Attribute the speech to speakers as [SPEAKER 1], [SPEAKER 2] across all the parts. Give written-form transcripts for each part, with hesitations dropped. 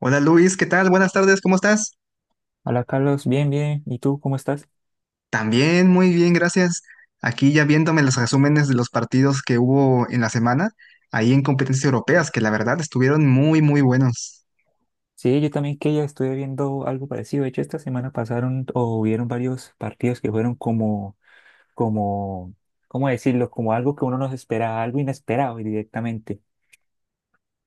[SPEAKER 1] Hola Luis, ¿qué tal? Buenas tardes, ¿cómo estás?
[SPEAKER 2] Hola Carlos, bien, bien. ¿Y tú cómo estás?
[SPEAKER 1] También muy bien, gracias. Aquí ya viéndome los resúmenes de los partidos que hubo en la semana, ahí en competencias europeas, que la verdad estuvieron muy, muy buenos.
[SPEAKER 2] Sí, yo también que ya estuve viendo algo parecido. De hecho, esta semana pasaron o hubieron varios partidos que fueron como, ¿cómo decirlo? Como algo que uno no se esperaba, algo inesperado directamente.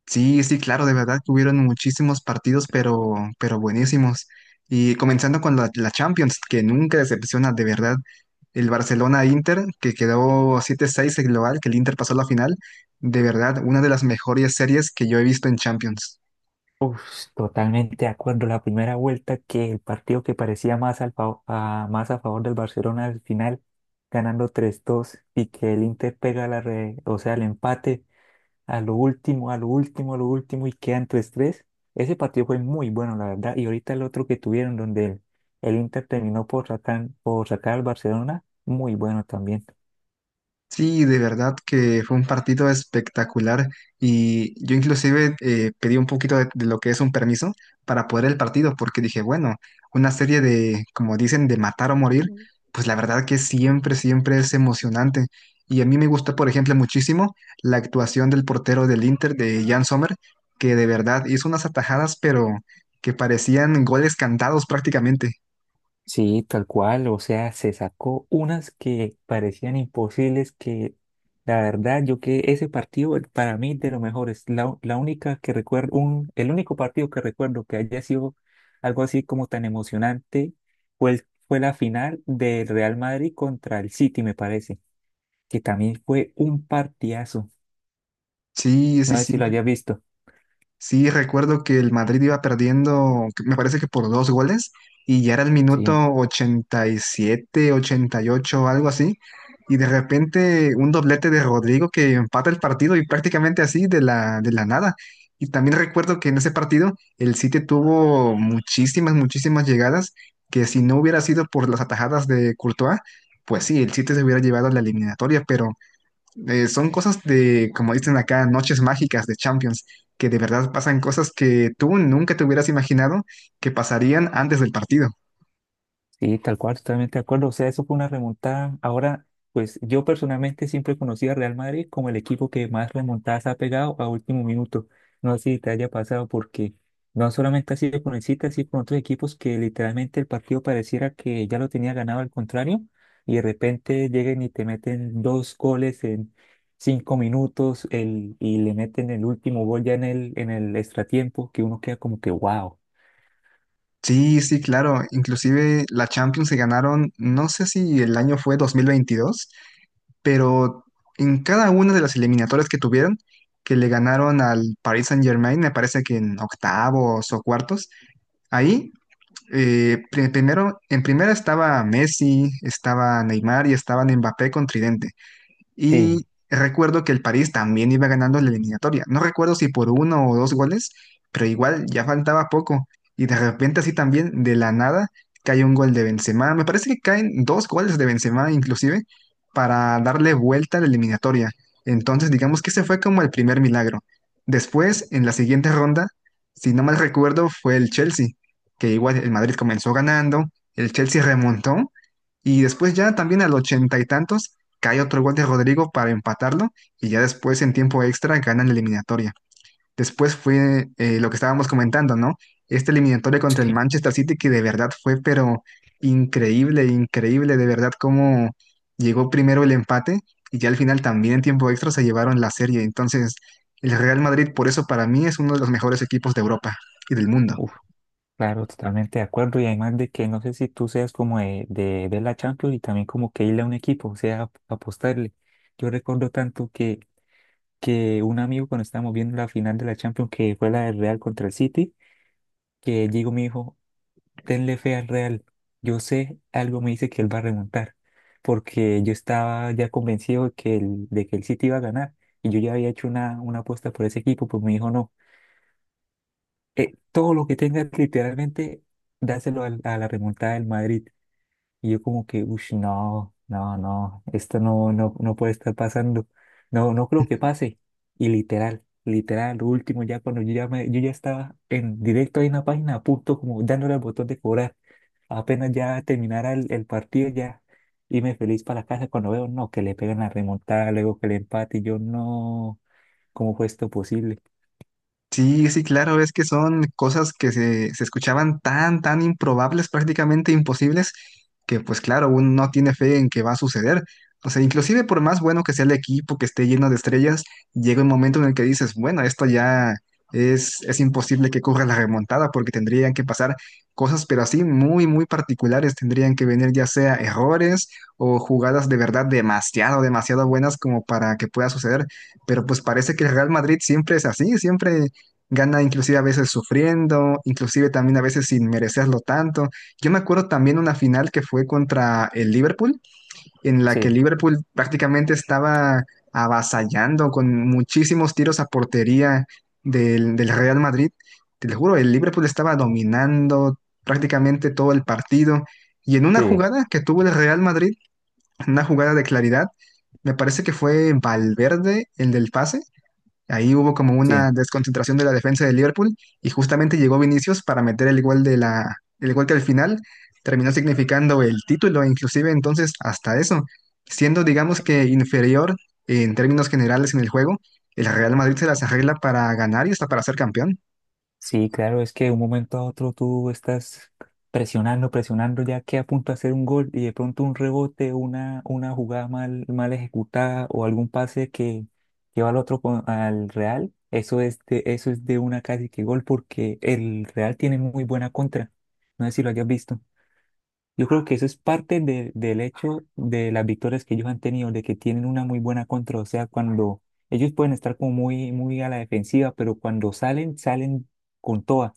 [SPEAKER 1] Sí, sí, claro, de verdad, tuvieron muchísimos partidos, pero buenísimos. Y comenzando con la Champions, que nunca decepciona, de verdad. El Barcelona-Inter, que quedó 7-6 el global, que el Inter pasó a la final, de verdad, una de las mejores series que yo he visto en Champions.
[SPEAKER 2] Uf, totalmente de acuerdo. La primera vuelta que el partido que parecía más, más a favor del Barcelona al final, ganando tres dos y que el Inter pega o sea, el empate a lo último, a lo último, a lo último y quedan tu estrés. Ese partido fue muy bueno, la verdad. Y ahorita el otro que tuvieron, donde el Inter terminó por sacar al Barcelona, muy bueno también.
[SPEAKER 1] Sí, de verdad que fue un partido espectacular y yo inclusive pedí un poquito de lo que es un permiso para poder el partido porque dije, bueno, una serie de, como dicen, de matar o morir, pues la verdad que siempre, siempre es emocionante. Y a mí me gustó por ejemplo, muchísimo la actuación del portero del Inter, de Jan Sommer, que de verdad hizo unas atajadas, pero que parecían goles cantados prácticamente.
[SPEAKER 2] Sí, tal cual, o sea, se sacó unas que parecían imposibles que la verdad yo que ese partido para mí de lo mejor es la única que recuerdo, un, el único partido que recuerdo que haya sido algo así como tan emocionante fue, fue la final del Real Madrid contra el City, me parece, que también fue un partidazo,
[SPEAKER 1] Sí,
[SPEAKER 2] no
[SPEAKER 1] sí,
[SPEAKER 2] sé
[SPEAKER 1] sí.
[SPEAKER 2] si lo hayas visto.
[SPEAKER 1] Sí, recuerdo que el Madrid iba perdiendo, me parece que por dos goles, y ya era el
[SPEAKER 2] Sí.
[SPEAKER 1] minuto 87, 88, algo así, y de repente un doblete de Rodrigo que empata el partido y prácticamente así de la nada. Y también recuerdo que en ese partido el City tuvo muchísimas, muchísimas llegadas, que si no hubiera sido por las atajadas de Courtois, pues sí, el City se hubiera llevado a la eliminatoria, pero son cosas de, como dicen acá, noches mágicas de Champions, que de verdad pasan cosas que tú nunca te hubieras imaginado que pasarían antes del partido.
[SPEAKER 2] Sí, tal cual, totalmente de acuerdo. O sea, eso fue una remontada. Ahora, pues yo personalmente siempre conocí a Real Madrid como el equipo que más remontadas ha pegado a último minuto. No sé si te haya pasado porque no solamente ha sido con el City, ha sido con otros equipos que literalmente el partido pareciera que ya lo tenía ganado al contrario y de repente llegan y te meten dos goles en cinco minutos y le meten el último gol ya en en el extratiempo que uno queda como que wow.
[SPEAKER 1] Sí, sí, claro. Inclusive la Champions se ganaron, no sé si el año fue 2022, pero en cada una de las eliminatorias que tuvieron, que le ganaron al Paris Saint-Germain, me parece que en octavos o cuartos, ahí primero, en primera estaba Messi, estaba Neymar y estaban Mbappé con tridente.
[SPEAKER 2] Sí.
[SPEAKER 1] Y recuerdo que el París también iba ganando la eliminatoria. No recuerdo si por uno o dos goles, pero igual ya faltaba poco. Y de repente así también, de la nada, cae un gol de Benzema. Me parece que caen dos goles de Benzema inclusive para darle vuelta a la eliminatoria. Entonces digamos que ese fue como el primer milagro. Después, en la siguiente ronda, si no mal recuerdo, fue el Chelsea, que igual el Madrid comenzó ganando, el Chelsea remontó y después ya también al ochenta y tantos cae otro gol de Rodrigo para empatarlo y ya después en tiempo extra ganan la eliminatoria. Después fue lo que estábamos comentando, ¿no? Esta eliminatoria contra el
[SPEAKER 2] Sí.
[SPEAKER 1] Manchester City que de verdad fue pero increíble, increíble, de verdad cómo llegó primero el empate y ya al final también en tiempo extra se llevaron la serie. Entonces el Real Madrid por eso para mí es uno de los mejores equipos de Europa y del mundo.
[SPEAKER 2] Claro, totalmente de acuerdo. Y además de que no sé si tú seas como de ver la Champions y también como que irle a un equipo, o sea, apostarle. Yo recuerdo tanto que un amigo cuando estábamos viendo la final de la Champions, que fue la del Real contra el City, que llegó me dijo, tenle fe al Real. Yo sé, algo me dice que él va a remontar, porque yo estaba ya convencido de de que el City iba a ganar. Y yo ya había hecho una apuesta por ese equipo, pues me dijo, no, todo lo que tengas literalmente dáselo a la remontada del Madrid. Y yo como que, no, no, no, esto no, no, no puede estar pasando. No, no creo que pase. Y literal, literal, lo último, ya cuando yo ya estaba en directo ahí en la página, a punto como dándole al botón de cobrar. Apenas ya terminara el partido, ya irme feliz para la casa cuando veo, no, que le pegan la remontada, luego que el empate, y yo no, ¿cómo fue esto posible?
[SPEAKER 1] Sí, sí, claro, es que son cosas que se escuchaban tan, tan improbables, prácticamente imposibles, que pues claro, uno no tiene fe en que va a suceder. O sea, inclusive por más bueno que sea el equipo, que esté lleno de estrellas, llega un momento en el que dices, bueno, esto ya es imposible que corra la remontada porque tendrían que pasar cosas, pero así muy, muy particulares, tendrían que venir ya sea errores o jugadas de verdad demasiado, demasiado buenas como para que pueda suceder. Pero pues parece que el Real Madrid siempre es así, siempre gana inclusive a veces sufriendo, inclusive también a veces sin merecerlo tanto. Yo me acuerdo también una final que fue contra el Liverpool, en la que el
[SPEAKER 2] Sí,
[SPEAKER 1] Liverpool prácticamente estaba avasallando con muchísimos tiros a portería del Real Madrid. Te lo juro, el Liverpool estaba dominando prácticamente todo el partido. Y en una
[SPEAKER 2] sí,
[SPEAKER 1] jugada que tuvo el Real Madrid, una jugada de claridad, me parece que fue Valverde, el del pase. Ahí hubo como
[SPEAKER 2] sí.
[SPEAKER 1] una desconcentración de la defensa de Liverpool y justamente llegó Vinicius para meter el gol el gol que al final terminó significando el título, inclusive entonces hasta eso, siendo digamos que inferior en términos generales en el juego, el Real Madrid se las arregla para ganar y hasta para ser campeón.
[SPEAKER 2] Sí, claro, es que de un momento a otro tú estás presionando, presionando ya que a punto de hacer un gol y de pronto un rebote, una jugada mal, mal ejecutada o algún pase que, lleva al otro al Real, eso es de una casi que gol porque el Real tiene muy buena contra. No sé si lo hayas visto. Yo creo que eso es parte del hecho de las victorias que ellos han tenido, de que tienen una muy buena contra. O sea, cuando ellos pueden estar como muy, muy a la defensiva, pero cuando salen, salen con toda.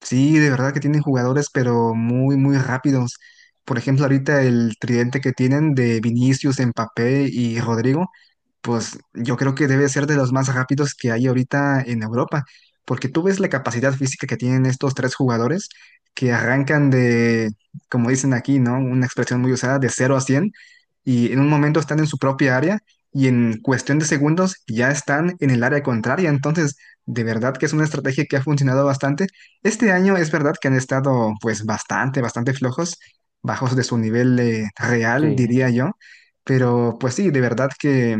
[SPEAKER 1] Sí, de verdad que tienen jugadores, pero muy, muy rápidos. Por ejemplo, ahorita el tridente que tienen de Vinicius, Mbappé y Rodrigo pues yo creo que debe ser de los más rápidos que hay ahorita en Europa, porque tú ves la capacidad física que tienen estos tres jugadores que arrancan de, como dicen aquí, ¿no? Una expresión muy usada, de cero a 100 y en un momento están en su propia área y en cuestión de segundos ya están en el área contraria, entonces de verdad que es una estrategia que ha funcionado bastante. Este año es verdad que han estado pues bastante, bastante flojos, bajos de su nivel real,
[SPEAKER 2] Sí,
[SPEAKER 1] diría yo. Pero pues sí, de verdad que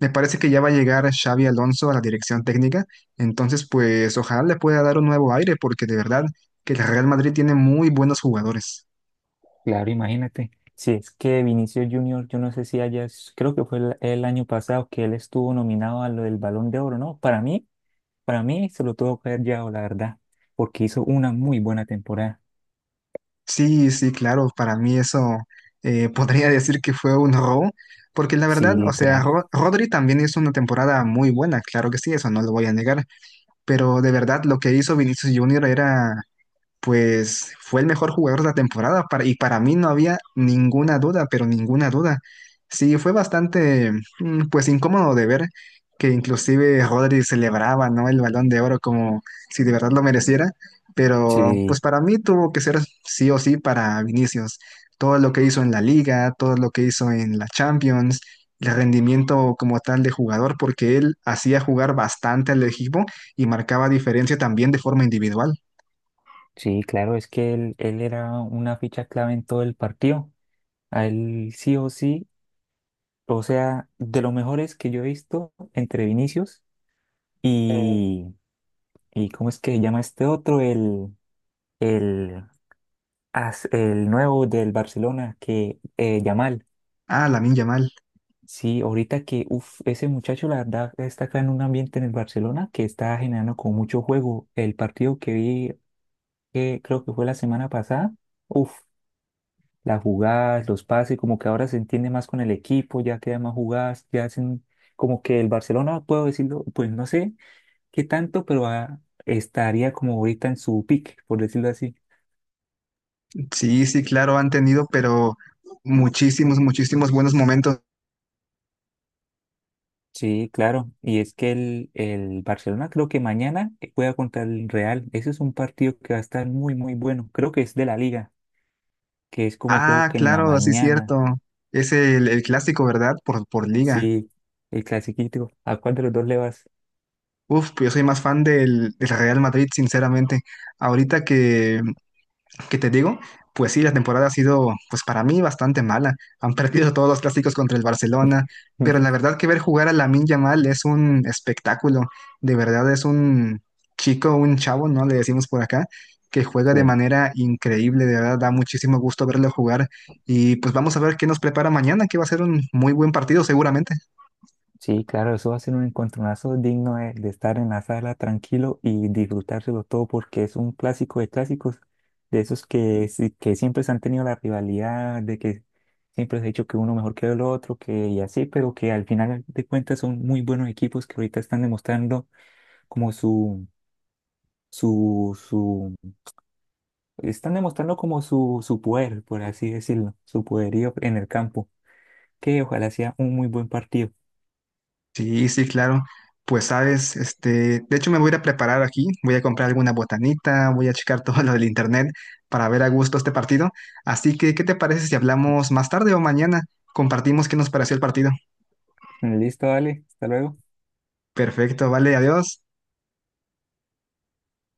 [SPEAKER 1] me parece que ya va a llegar Xavi Alonso a la dirección técnica, entonces pues ojalá le pueda dar un nuevo aire, porque de verdad que el Real Madrid tiene muy buenos jugadores.
[SPEAKER 2] claro, imagínate. Si es que Vinicius Junior, yo no sé si haya, creo que fue el año pasado que él estuvo nominado a lo del Balón de Oro, ¿no? Para mí se lo tuvo que haber llevado, la verdad, porque hizo una muy buena temporada.
[SPEAKER 1] Sí, sí, claro, para mí eso podría decir que fue un robo, porque la verdad,
[SPEAKER 2] Sí,
[SPEAKER 1] o sea,
[SPEAKER 2] literal.
[SPEAKER 1] Rodri también hizo una temporada muy buena, claro que sí, eso no lo voy a negar, pero de verdad lo que hizo Vinicius Junior era pues fue el mejor jugador de la temporada y para mí no había ninguna duda, pero ninguna duda. Sí, fue bastante, pues incómodo de ver que inclusive Rodri celebraba, ¿no? El Balón de Oro como si de verdad lo mereciera, pero pues
[SPEAKER 2] Sí,
[SPEAKER 1] para mí tuvo que ser sí o sí para Vinicius. Todo lo que hizo en la Liga, todo lo que hizo en la Champions, el rendimiento como tal de jugador, porque él hacía jugar bastante al equipo y marcaba diferencia también de forma individual.
[SPEAKER 2] sí, claro, es que él era una ficha clave en todo el partido. A él sí o sí, o sea, de los mejores que yo he visto entre Vinicius y, y ¿cómo es que se llama este otro? El el nuevo del Barcelona, que Yamal.
[SPEAKER 1] Ah, Lamine Yamal.
[SPEAKER 2] Sí, ahorita que uf, ese muchacho, la verdad, está acá en un ambiente en el Barcelona que está generando con mucho juego. El partido que vi, que creo que fue la semana pasada, uff, las jugadas, los pases, como que ahora se entiende más con el equipo, ya quedan más jugadas, ya hacen como que el Barcelona, puedo decirlo, pues no sé qué tanto, pero ah, estaría como ahorita en su pick, por decirlo así.
[SPEAKER 1] Sí, sí, claro, han tenido, pero muchísimos, muchísimos buenos momentos.
[SPEAKER 2] Sí, claro. Y es que el Barcelona creo que mañana juega contra el Real. Ese es un partido que va a estar muy, muy bueno. Creo que es de la Liga, que es como creo
[SPEAKER 1] Ah,
[SPEAKER 2] que en la
[SPEAKER 1] claro, sí,
[SPEAKER 2] mañana.
[SPEAKER 1] cierto. Es el clásico, ¿verdad? Por liga.
[SPEAKER 2] Sí, el clasiquito. ¿A cuál de los dos le vas?
[SPEAKER 1] Uf, yo soy más fan del Real Madrid, sinceramente. Ahorita que te digo, pues sí, la temporada ha sido, pues para mí, bastante mala. Han perdido todos los clásicos contra el Barcelona, pero la verdad que ver jugar a Lamine Yamal es un espectáculo. De verdad es un chico, un chavo, ¿no? Le decimos por acá, que juega de
[SPEAKER 2] Sí.
[SPEAKER 1] manera increíble. De verdad da muchísimo gusto verlo jugar. Y pues vamos a ver qué nos prepara mañana, que va a ser un muy buen partido seguramente.
[SPEAKER 2] Sí, claro, eso va a ser un encontronazo digno de estar en la sala tranquilo y disfrutárselo todo porque es un clásico de clásicos, de esos que siempre se han tenido la rivalidad, de que siempre se ha dicho que uno mejor que el otro, que y así, pero que al final de cuentas son muy buenos equipos que ahorita están demostrando como su, su, están demostrando como su poder, por así decirlo, su poderío en el campo, que ojalá sea un muy buen partido.
[SPEAKER 1] Sí, sí, claro. Pues sabes, este, de hecho me voy a ir a preparar aquí, voy a comprar alguna botanita, voy a checar todo lo del internet para ver a gusto este partido. Así que, ¿qué te parece si hablamos más tarde o mañana? Compartimos qué nos pareció el partido.
[SPEAKER 2] Listo, dale, hasta luego.
[SPEAKER 1] Perfecto, vale, adiós.